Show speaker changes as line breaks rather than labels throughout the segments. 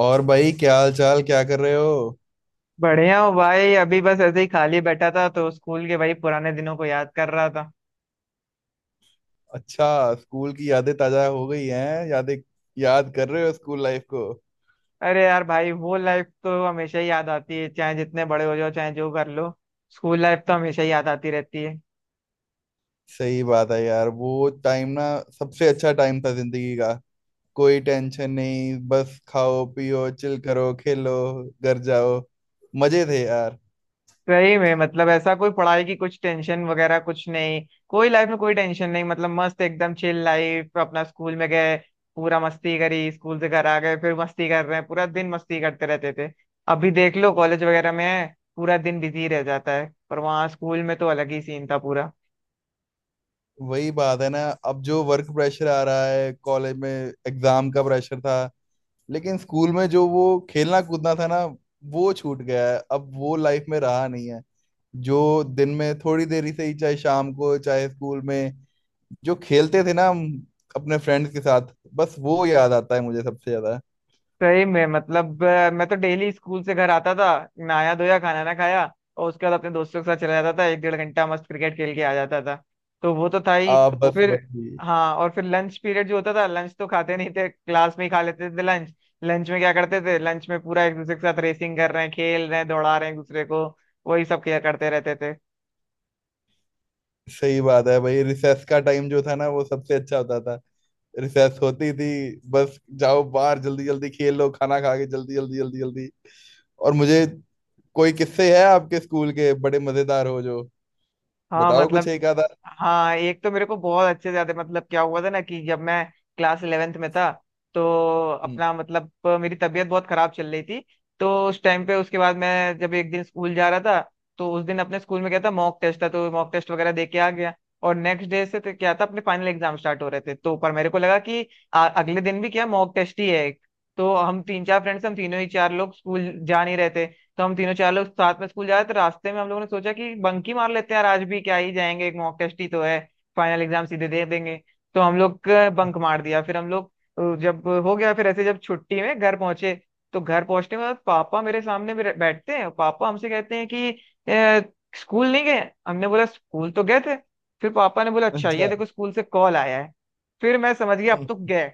और भाई क्या हाल चाल, क्या कर रहे हो।
बढ़िया हूँ भाई। अभी बस ऐसे ही खाली बैठा था तो स्कूल के भाई पुराने दिनों को याद कर रहा था।
अच्छा। स्कूल की यादें ताजा हो गई हैं, यादें याद कर रहे हो स्कूल लाइफ को।
अरे यार भाई वो लाइफ तो हमेशा ही याद आती है, चाहे जितने बड़े हो जाओ चाहे जो कर लो। स्कूल लाइफ तो हमेशा ही याद आती रहती है।
सही बात है यार, वो टाइम ना सबसे अच्छा टाइम था जिंदगी का। कोई टेंशन नहीं, बस खाओ पियो चिल करो खेलो घर जाओ। मजे थे यार।
सही में मतलब ऐसा कोई पढ़ाई की कुछ टेंशन वगैरह कुछ नहीं। कोई लाइफ में कोई टेंशन नहीं, मतलब मस्त एकदम चिल लाइफ। अपना स्कूल में गए, पूरा मस्ती करी, स्कूल से घर आ गए, फिर मस्ती कर रहे हैं, पूरा दिन मस्ती करते रहते थे। अभी देख लो कॉलेज वगैरह में पूरा दिन बिजी रह जाता है, पर वहाँ स्कूल में तो अलग ही सीन था पूरा।
वही बात है ना, अब जो वर्क प्रेशर आ रहा है कॉलेज में, एग्जाम का प्रेशर था, लेकिन स्कूल में जो वो खेलना कूदना था ना, वो छूट गया है, अब वो लाइफ में रहा नहीं है। जो दिन में थोड़ी देरी से ही, चाहे शाम को चाहे स्कूल में, जो खेलते थे ना हम अपने फ्रेंड्स के साथ, बस वो याद आता है मुझे सबसे ज्यादा।
सही में मतलब मैं तो डेली स्कूल से घर आता था, नहाया धोया खाना ना खाया, और उसके बाद अपने दोस्तों के साथ चला जाता था, एक डेढ़ घंटा मस्त क्रिकेट खेल के आ जाता था। तो वो तो था ही।
आप बस
फिर
वही।
हाँ, और फिर लंच पीरियड जो होता था, लंच तो खाते नहीं थे, क्लास में ही खा लेते थे लंच। लंच में क्या करते थे, लंच में पूरा एक दूसरे के साथ रेसिंग कर रहे हैं, खेल रहे हैं, दौड़ा रहे हैं एक दूसरे को। वही सब किया करते रहते थे।
सही बात है भाई, रिसेस का टाइम जो था ना वो सबसे अच्छा होता था। रिसेस होती थी, बस जाओ बाहर जल्दी जल्दी खेल लो, खाना खा के जल्दी जल्दी जल्दी जल्दी। और मुझे, कोई किस्से है आपके स्कूल के बड़े मजेदार हो जो,
हाँ
बताओ कुछ
मतलब,
एक आधा।
हाँ एक तो मेरे को बहुत अच्छे से याद है। मतलब क्या हुआ था ना कि जब मैं क्लास 11th में था, तो
हम्म।
अपना मतलब मेरी तबीयत बहुत खराब चल रही थी। तो उस टाइम पे उसके बाद मैं जब एक दिन स्कूल जा रहा था, तो उस दिन अपने स्कूल में क्या था, मॉक टेस्ट था, तो मॉक टेस्ट वगैरह दे के आ गया। और नेक्स्ट डे से तो क्या था, अपने फाइनल एग्जाम स्टार्ट हो रहे थे, तो पर मेरे को लगा कि अगले दिन भी क्या मॉक टेस्ट ही है एक। तो हम तीन चार फ्रेंड्स, हम तीनों ही चार लोग स्कूल जा नहीं रहे थे। तो हम तीनों चार लोग साथ में स्कूल जा रहे थे, तो रास्ते में हम लोगों ने सोचा कि बंकी मार लेते हैं यार, आज भी क्या ही जाएंगे, एक मॉक टेस्ट ही तो है, फाइनल एग्जाम सीधे दे देंगे। तो हम लोग बंक मार दिया, फिर हम लोग जब हो गया, फिर ऐसे जब छुट्टी में घर पहुंचे, तो घर पहुंचने के बाद पापा मेरे सामने मेरे बैठते हैं, पापा हमसे कहते हैं कि " स्कूल नहीं गए। हमने बोला स्कूल तो गए थे। फिर पापा ने बोला अच्छा ये
अच्छा।
देखो स्कूल से कॉल आया है। फिर मैं समझ गया अब तो
हम्म।
गए।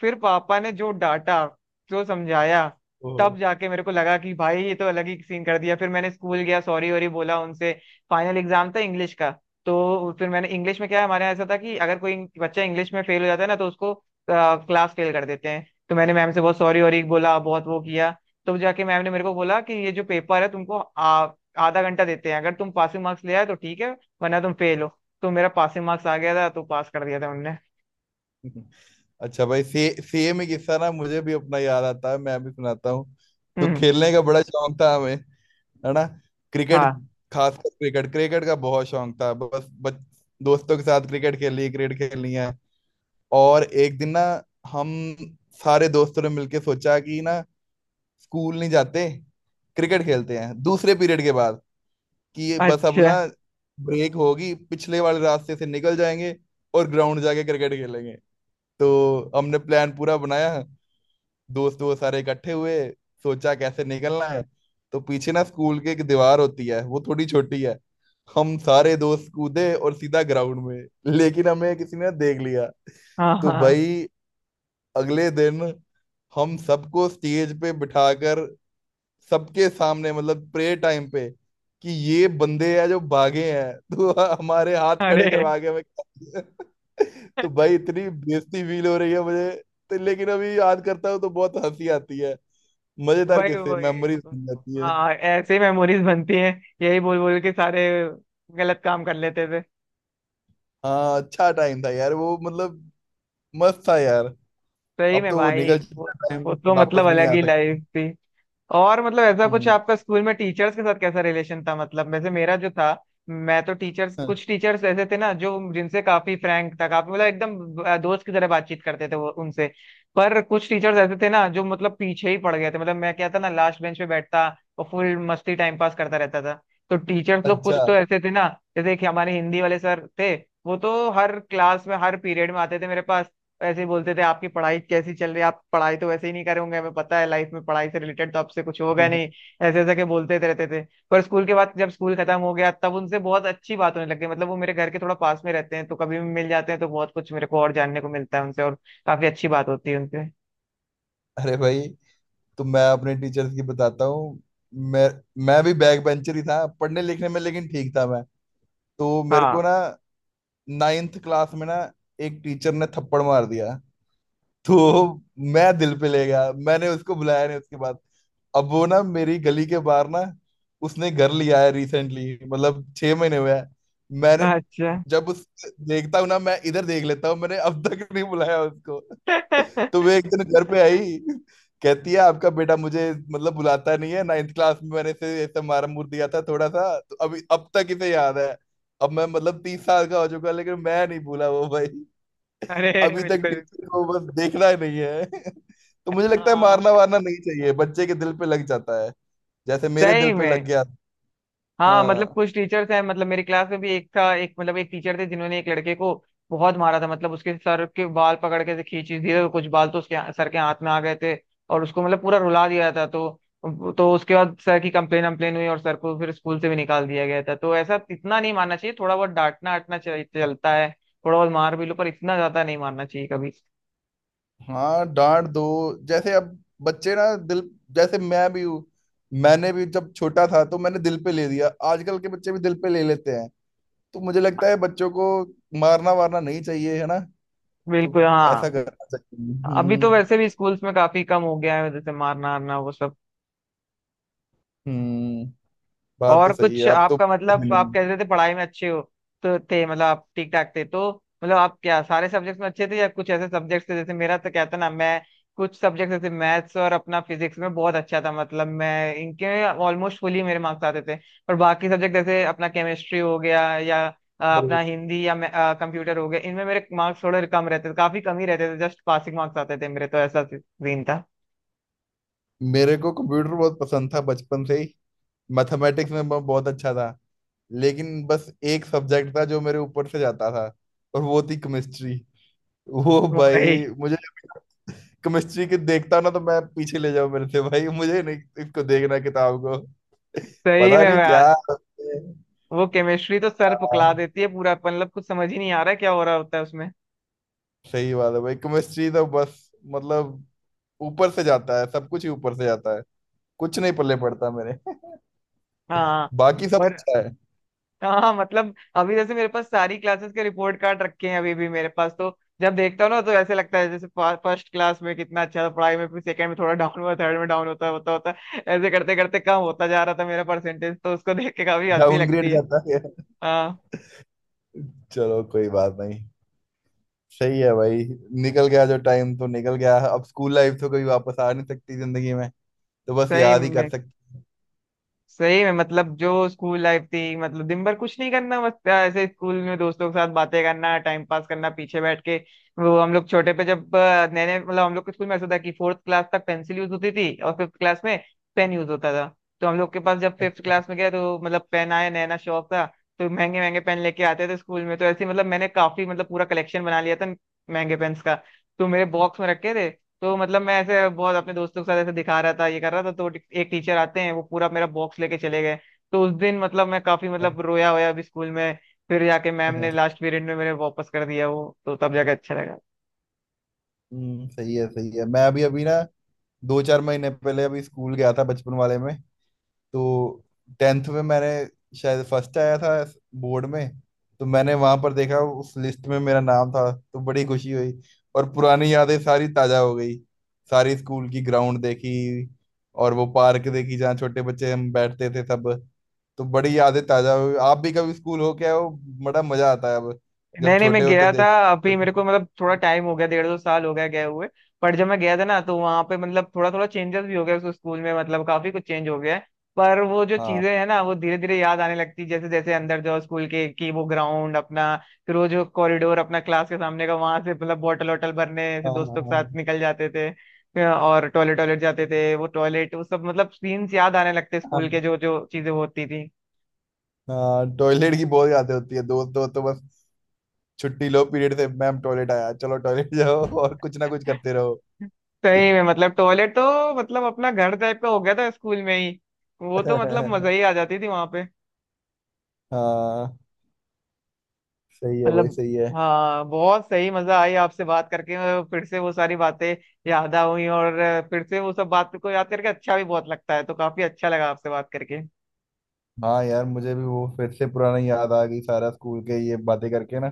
फिर पापा ने जो डांटा, जो समझाया,
ओह।
तब जाके मेरे को लगा कि भाई ये तो अलग ही सीन कर दिया। फिर मैंने स्कूल गया, सॉरी वॉरी बोला उनसे। फाइनल एग्जाम था इंग्लिश का। तो फिर मैंने इंग्लिश में क्या है, हमारे यहाँ ऐसा था कि अगर कोई बच्चा इंग्लिश में फेल हो जाता है ना, तो उसको क्लास फेल कर देते हैं। तो मैंने मैम से बहुत सॉरी वॉरी बोला, बहुत वो किया। तो जाके मैम ने मेरे को बोला कि ये जो पेपर है तुमको आधा घंटा देते हैं, अगर तुम पासिंग मार्क्स ले आए तो ठीक है, वरना तुम फेल हो। तो मेरा पासिंग मार्क्स आ गया था, तो पास कर दिया था उनने।
हम्म। अच्छा भाई, सेम ही किस्सा ना, मुझे भी अपना याद आता है, मैं भी सुनाता हूँ। तो
हम्म।
खेलने का बड़ा शौक था हमें, है ना, क्रिकेट।
हाँ।
खासकर क्रिकेट, क्रिकेट का बहुत शौक था। दोस्तों के साथ क्रिकेट खेली, क्रिकेट खेलनी है। और एक दिन ना, हम सारे दोस्तों ने मिलके सोचा कि ना, स्कूल नहीं जाते, क्रिकेट खेलते हैं दूसरे पीरियड के बाद। कि ये बस अब
अच्छा।
ना ब्रेक होगी, पिछले वाले रास्ते से निकल जाएंगे और ग्राउंड जाके क्रिकेट खेलेंगे। तो हमने प्लान पूरा बनाया, दोस्त वो सारे इकट्ठे हुए, सोचा कैसे निकलना है। तो पीछे ना स्कूल के एक दीवार होती है, वो थोड़ी छोटी है। हम सारे दोस्त कूदे और सीधा ग्राउंड में। लेकिन हमें किसी ने देख लिया।
हाँ
तो
हाँ।
भाई, अगले दिन हम सबको स्टेज पे बिठाकर, सबके सामने, मतलब प्रे टाइम पे, कि ये बंदे हैं जो भागे हैं, तो हमारे हाथ खड़े
अरे।
करवा के हमें, तो भाई इतनी बेइज्जती फील हो रही है मुझे। तो लेकिन अभी याद करता हूँ तो बहुत हंसी आती है। मजेदार
वही
किस्से, मेमोरीज
वही।
बन जाती है।
हाँ ऐसे मेमोरीज बनती हैं, यही बोल बोल के सारे गलत काम कर लेते थे।
हाँ, अच्छा टाइम था यार वो, मतलब मस्त था यार।
सही
अब
में
तो वो
भाई
निकल
वो
चुका टाइम,
वो तो मतलब
वापस भी नहीं
अलग
आ
ही
सकता।
लाइफ थी। और मतलब ऐसा कुछ
हम्म।
आपका स्कूल में टीचर्स के साथ कैसा रिलेशन था, मतलब वैसे मेरा जो था, मैं तो टीचर्स, कुछ टीचर्स ऐसे थे ना जो, जिनसे काफी फ्रैंक था, काफी मतलब एकदम दोस्त की तरह बातचीत करते थे वो उनसे। पर कुछ टीचर्स ऐसे थे ना जो मतलब पीछे ही पड़ गए थे। मतलब मैं क्या था ना, लास्ट बेंच पे बैठता और फुल मस्ती टाइम पास करता रहता था। तो टीचर्स लोग
अच्छा।
कुछ तो ऐसे थे ना, जैसे एक हमारे हिंदी वाले सर थे, वो तो हर क्लास में हर पीरियड में आते थे मेरे पास। ऐसे ही बोलते थे आपकी पढ़ाई कैसी चल रही है, आप पढ़ाई तो वैसे ही नहीं करे होंगे, हमें पता है लाइफ में पढ़ाई से रिलेटेड तो आपसे कुछ होगा नहीं। ऐसे ऐसे के बोलते रहते थे। पर स्कूल के बाद जब स्कूल खत्म हो गया, तब उनसे बहुत अच्छी बात होने लग गई। मतलब वो मेरे घर के थोड़ा पास में रहते हैं, तो कभी भी मिल जाते हैं, तो बहुत कुछ मेरे को और जानने को मिलता है उनसे, और काफी अच्छी बात होती है उनसे।
अरे भाई, तो मैं अपने टीचर्स की बताता हूँ। मैं मैं भी बैक बेंचर ही था पढ़ने लिखने में, लेकिन ठीक था मैं। तो मेरे
हाँ।
को ना, नाइन्थ क्लास में ना, एक टीचर ने थप्पड़ मार दिया। तो मैं दिल पे ले गया, मैंने उसको बुलाया नहीं उसके बाद। अब वो ना मेरी गली के बाहर ना, उसने घर लिया है रिसेंटली, मतलब 6 महीने हुए हैं। मैंने
अच्छा।
जब उस देखता हूँ ना, मैं इधर देख लेता हूँ, मैंने अब तक नहीं बुलाया उसको। तो वे एक दिन घर पे आई, कहती है आपका बेटा मुझे मतलब बुलाता नहीं है। नाइन्थ क्लास में मैंने इसे ऐसा मारा मुर दिया था थोड़ा सा, तो अभी अब तक इसे याद है। अब मैं मतलब 30 साल का हो चुका, लेकिन मैं नहीं भूला वो भाई।
अरे।
अभी तक
बिल्कुल बिल्कुल।
टीचर को बस देखना ही नहीं है। तो मुझे लगता है
हाँ
मारना वारना नहीं चाहिए, बच्चे के दिल पे लग जाता है। जैसे मेरे दिल
सही
पे लग
में।
गया।
हाँ मतलब
हाँ।
कुछ टीचर्स हैं, मतलब मेरी क्लास में भी एक था, एक मतलब एक टीचर थे, जिन्होंने एक लड़के को बहुत मारा था। मतलब उसके सर के बाल पकड़ के से खींची दिए, कुछ बाल तो उसके सर के हाथ में आ गए थे, और उसको मतलब पूरा रुला दिया था। तो उसके बाद सर की कंप्लेन अम्प्लेन हुई, और सर को फिर स्कूल से भी निकाल दिया गया था। तो ऐसा इतना नहीं मानना चाहिए, थोड़ा बहुत डांटना आटना चलता है, थोड़ा बहुत मार भी लो, पर इतना ज्यादा नहीं मारना चाहिए कभी।
हाँ डांट दो। जैसे अब बच्चे ना दिल, जैसे मैं भी हूँ, मैंने भी जब छोटा था तो मैंने दिल पे ले लिया, आजकल के बच्चे भी दिल पे ले लेते हैं। तो मुझे लगता है बच्चों को मारना वारना नहीं चाहिए, है ना। तो
बिल्कुल हाँ।
ऐसा करना चाहिए।
अभी तो
हम्म।
वैसे भी स्कूल्स में काफी कम हो गया है जैसे मारना आरना वो सब।
हम्म, बात तो
और
सही है
कुछ
अब तो।
आपका मतलब आप
नहीं।
कह रहे थे पढ़ाई में अच्छे हो तो थे, मतलब आप ठीक ठाक थे तो, मतलब आप क्या सारे सब्जेक्ट्स में अच्छे थे या कुछ ऐसे सब्जेक्ट्स थे, जैसे मेरा तो कहता ना, मैं कुछ सब्जेक्ट जैसे मैथ्स और अपना फिजिक्स में बहुत अच्छा था। मतलब मैं इनके ऑलमोस्ट फुली मेरे मार्क्स आते थे। पर बाकी सब्जेक्ट जैसे अपना केमिस्ट्री हो गया या अपना हिंदी या कंप्यूटर हो गया, इनमें मेरे मार्क्स थोड़े कम रहते थे, काफी कम ही रहते थे, जस्ट पासिंग मार्क्स आते थे मेरे, तो ऐसा सीन था।
मेरे को कंप्यूटर बहुत पसंद था बचपन से ही। मैथमेटिक्स में मैं बहुत अच्छा था। लेकिन बस एक सब्जेक्ट था जो मेरे ऊपर से जाता था, और वो थी केमिस्ट्री। वो
वही।
भाई मुझे, केमिस्ट्री के देखता हूं ना तो मैं पीछे ले जाऊं। मेरे से भाई मुझे नहीं, इसको देखना, किताब को।
सही
पता
में
नहीं
मैं,
क्या क्या।
वो केमिस्ट्री तो सर पकड़ा देती है पूरा, मतलब कुछ समझ ही नहीं आ रहा है क्या हो रहा होता है उसमें।
सही बात है भाई, केमिस्ट्री तो बस, मतलब ऊपर से जाता है, सब कुछ ही ऊपर से जाता है। कुछ नहीं पल्ले पड़ता मेरे।
हाँ
बाकी सब
और,
अच्छा है।
हाँ मतलब अभी जैसे मेरे पास सारी क्लासेस के रिपोर्ट कार्ड रखे हैं अभी भी मेरे पास, तो जब देखता हूँ ना तो ऐसे लगता है जैसे फर्स्ट क्लास में कितना अच्छा था पढ़ाई में, फिर सेकंड में थोड़ा डाउन हुआ, थर्ड में डाउन होता होता होता, ऐसे करते करते कम होता जा रहा था मेरा परसेंटेज, तो उसको देख के काफी हंसी
डाउनग्रेड
लगती है।
जाता है।
हाँ।
चलो कोई बात नहीं, सही है भाई। निकल गया जो टाइम तो निकल गया, अब स्कूल लाइफ तो कभी वापस आ नहीं सकती जिंदगी में। तो बस
सही
याद ही
में।
कर सकते हैं।
सही में मतलब जो स्कूल लाइफ थी, मतलब दिन भर कुछ नहीं करना, बस ऐसे स्कूल में दोस्तों के साथ बातें करना, टाइम पास करना पीछे बैठ के। वो हम लोग छोटे पे जब नए नए, मतलब हम लोग के स्कूल में ऐसा था कि फोर्थ क्लास तक पेंसिल यूज होती थी, और फिफ्थ क्लास में पेन यूज होता था। तो हम लोग के पास जब फिफ्थ
अच्छा।
क्लास में गया तो मतलब पेन आया, नया नया शौक था। तो महंगे महंगे पेन लेके आते थे स्कूल में, तो ऐसे ही मतलब मैंने काफी, मतलब पूरा कलेक्शन बना लिया था महंगे पेन्स का, तो मेरे बॉक्स में रखे थे। तो मतलब मैं ऐसे बहुत अपने दोस्तों के साथ ऐसे दिखा रहा था, ये कर रहा था, तो एक टीचर आते हैं, वो पूरा मेरा बॉक्स लेके चले गए। तो उस दिन मतलब मैं काफी,
अच्छा।
मतलब रोया होया भी स्कूल में। फिर जाके मैम ने लास्ट पीरियड में मेरे वापस कर दिया, वो तो तब जाके अच्छा लगा।
हम्म, सही है। मैं अभी अभी ना, दो चार महीने पहले अभी स्कूल गया था बचपन वाले में। तो टेंथ में मैंने शायद फर्स्ट आया था बोर्ड में। तो मैंने वहां पर देखा उस लिस्ट में, मेरा नाम था, तो बड़ी खुशी हुई। और पुरानी यादें सारी ताजा हो गई, सारी स्कूल की ग्राउंड देखी, और वो पार्क देखी जहाँ छोटे बच्चे हम बैठते थे सब। तो बड़ी यादें ताजा हुई। आप भी कभी स्कूल हो के आए हो? बड़ा मजा आता है, अब जब
नहीं नहीं, मैं
छोटे होते
गया था
देख।
अभी, मेरे को मतलब थोड़ा टाइम हो गया, डेढ़ दो साल हो गया गए हुए। पर जब मैं गया था ना, तो वहाँ पे मतलब थोड़ा थोड़ा चेंजेस भी हो गया उस स्कूल में, मतलब काफी कुछ चेंज हो गया है। पर वो जो
हाँ
चीजें हैं ना, वो धीरे धीरे याद आने लगती जैसे जैसे अंदर जाओ स्कूल के, की वो ग्राउंड अपना, फिर वो जो कॉरिडोर अपना क्लास के सामने का, वहां से मतलब बॉटल वॉटल भरने से
हाँ
दोस्तों के
हाँ
साथ निकल जाते थे। फिर और टॉयलेट, टॉयलेट जाते थे, वो टॉयलेट वो सब मतलब सीन्स याद आने लगते स्कूल के
हाँ
जो जो चीजें होती थी।
हाँ, टॉयलेट की बहुत यादें होती है, दोस्त हो तो बस छुट्टी लो पीरियड से, मैम टॉयलेट आया चलो टॉयलेट जाओ, और कुछ ना कुछ करते रहो।
सही में मतलब टॉयलेट तो मतलब अपना घर टाइप का हो गया था स्कूल में ही, वो तो मतलब मजा ही आ जाती थी वहां पे।
हाँ, सही है भाई
मतलब
सही है।
हाँ, बहुत सही मजा आई आपसे बात करके, और फिर से वो सारी बातें याद आ हुई, और फिर से वो सब बात को याद करके अच्छा भी बहुत लगता है, तो काफी अच्छा लगा आपसे बात करके।
हाँ यार, मुझे भी वो फिर से पुराना याद आ गई, सारा स्कूल के ये बातें करके ना,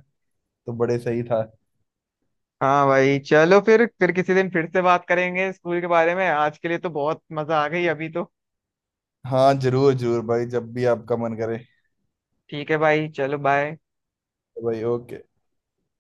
तो बड़े सही था।
हाँ भाई, चलो फिर किसी दिन फिर से बात करेंगे स्कूल के बारे में, आज के लिए तो बहुत मजा आ गई अभी तो।
हाँ जरूर जरूर भाई, जब भी आपका मन करे।
ठीक है भाई चलो बाय।
तो भाई ओके।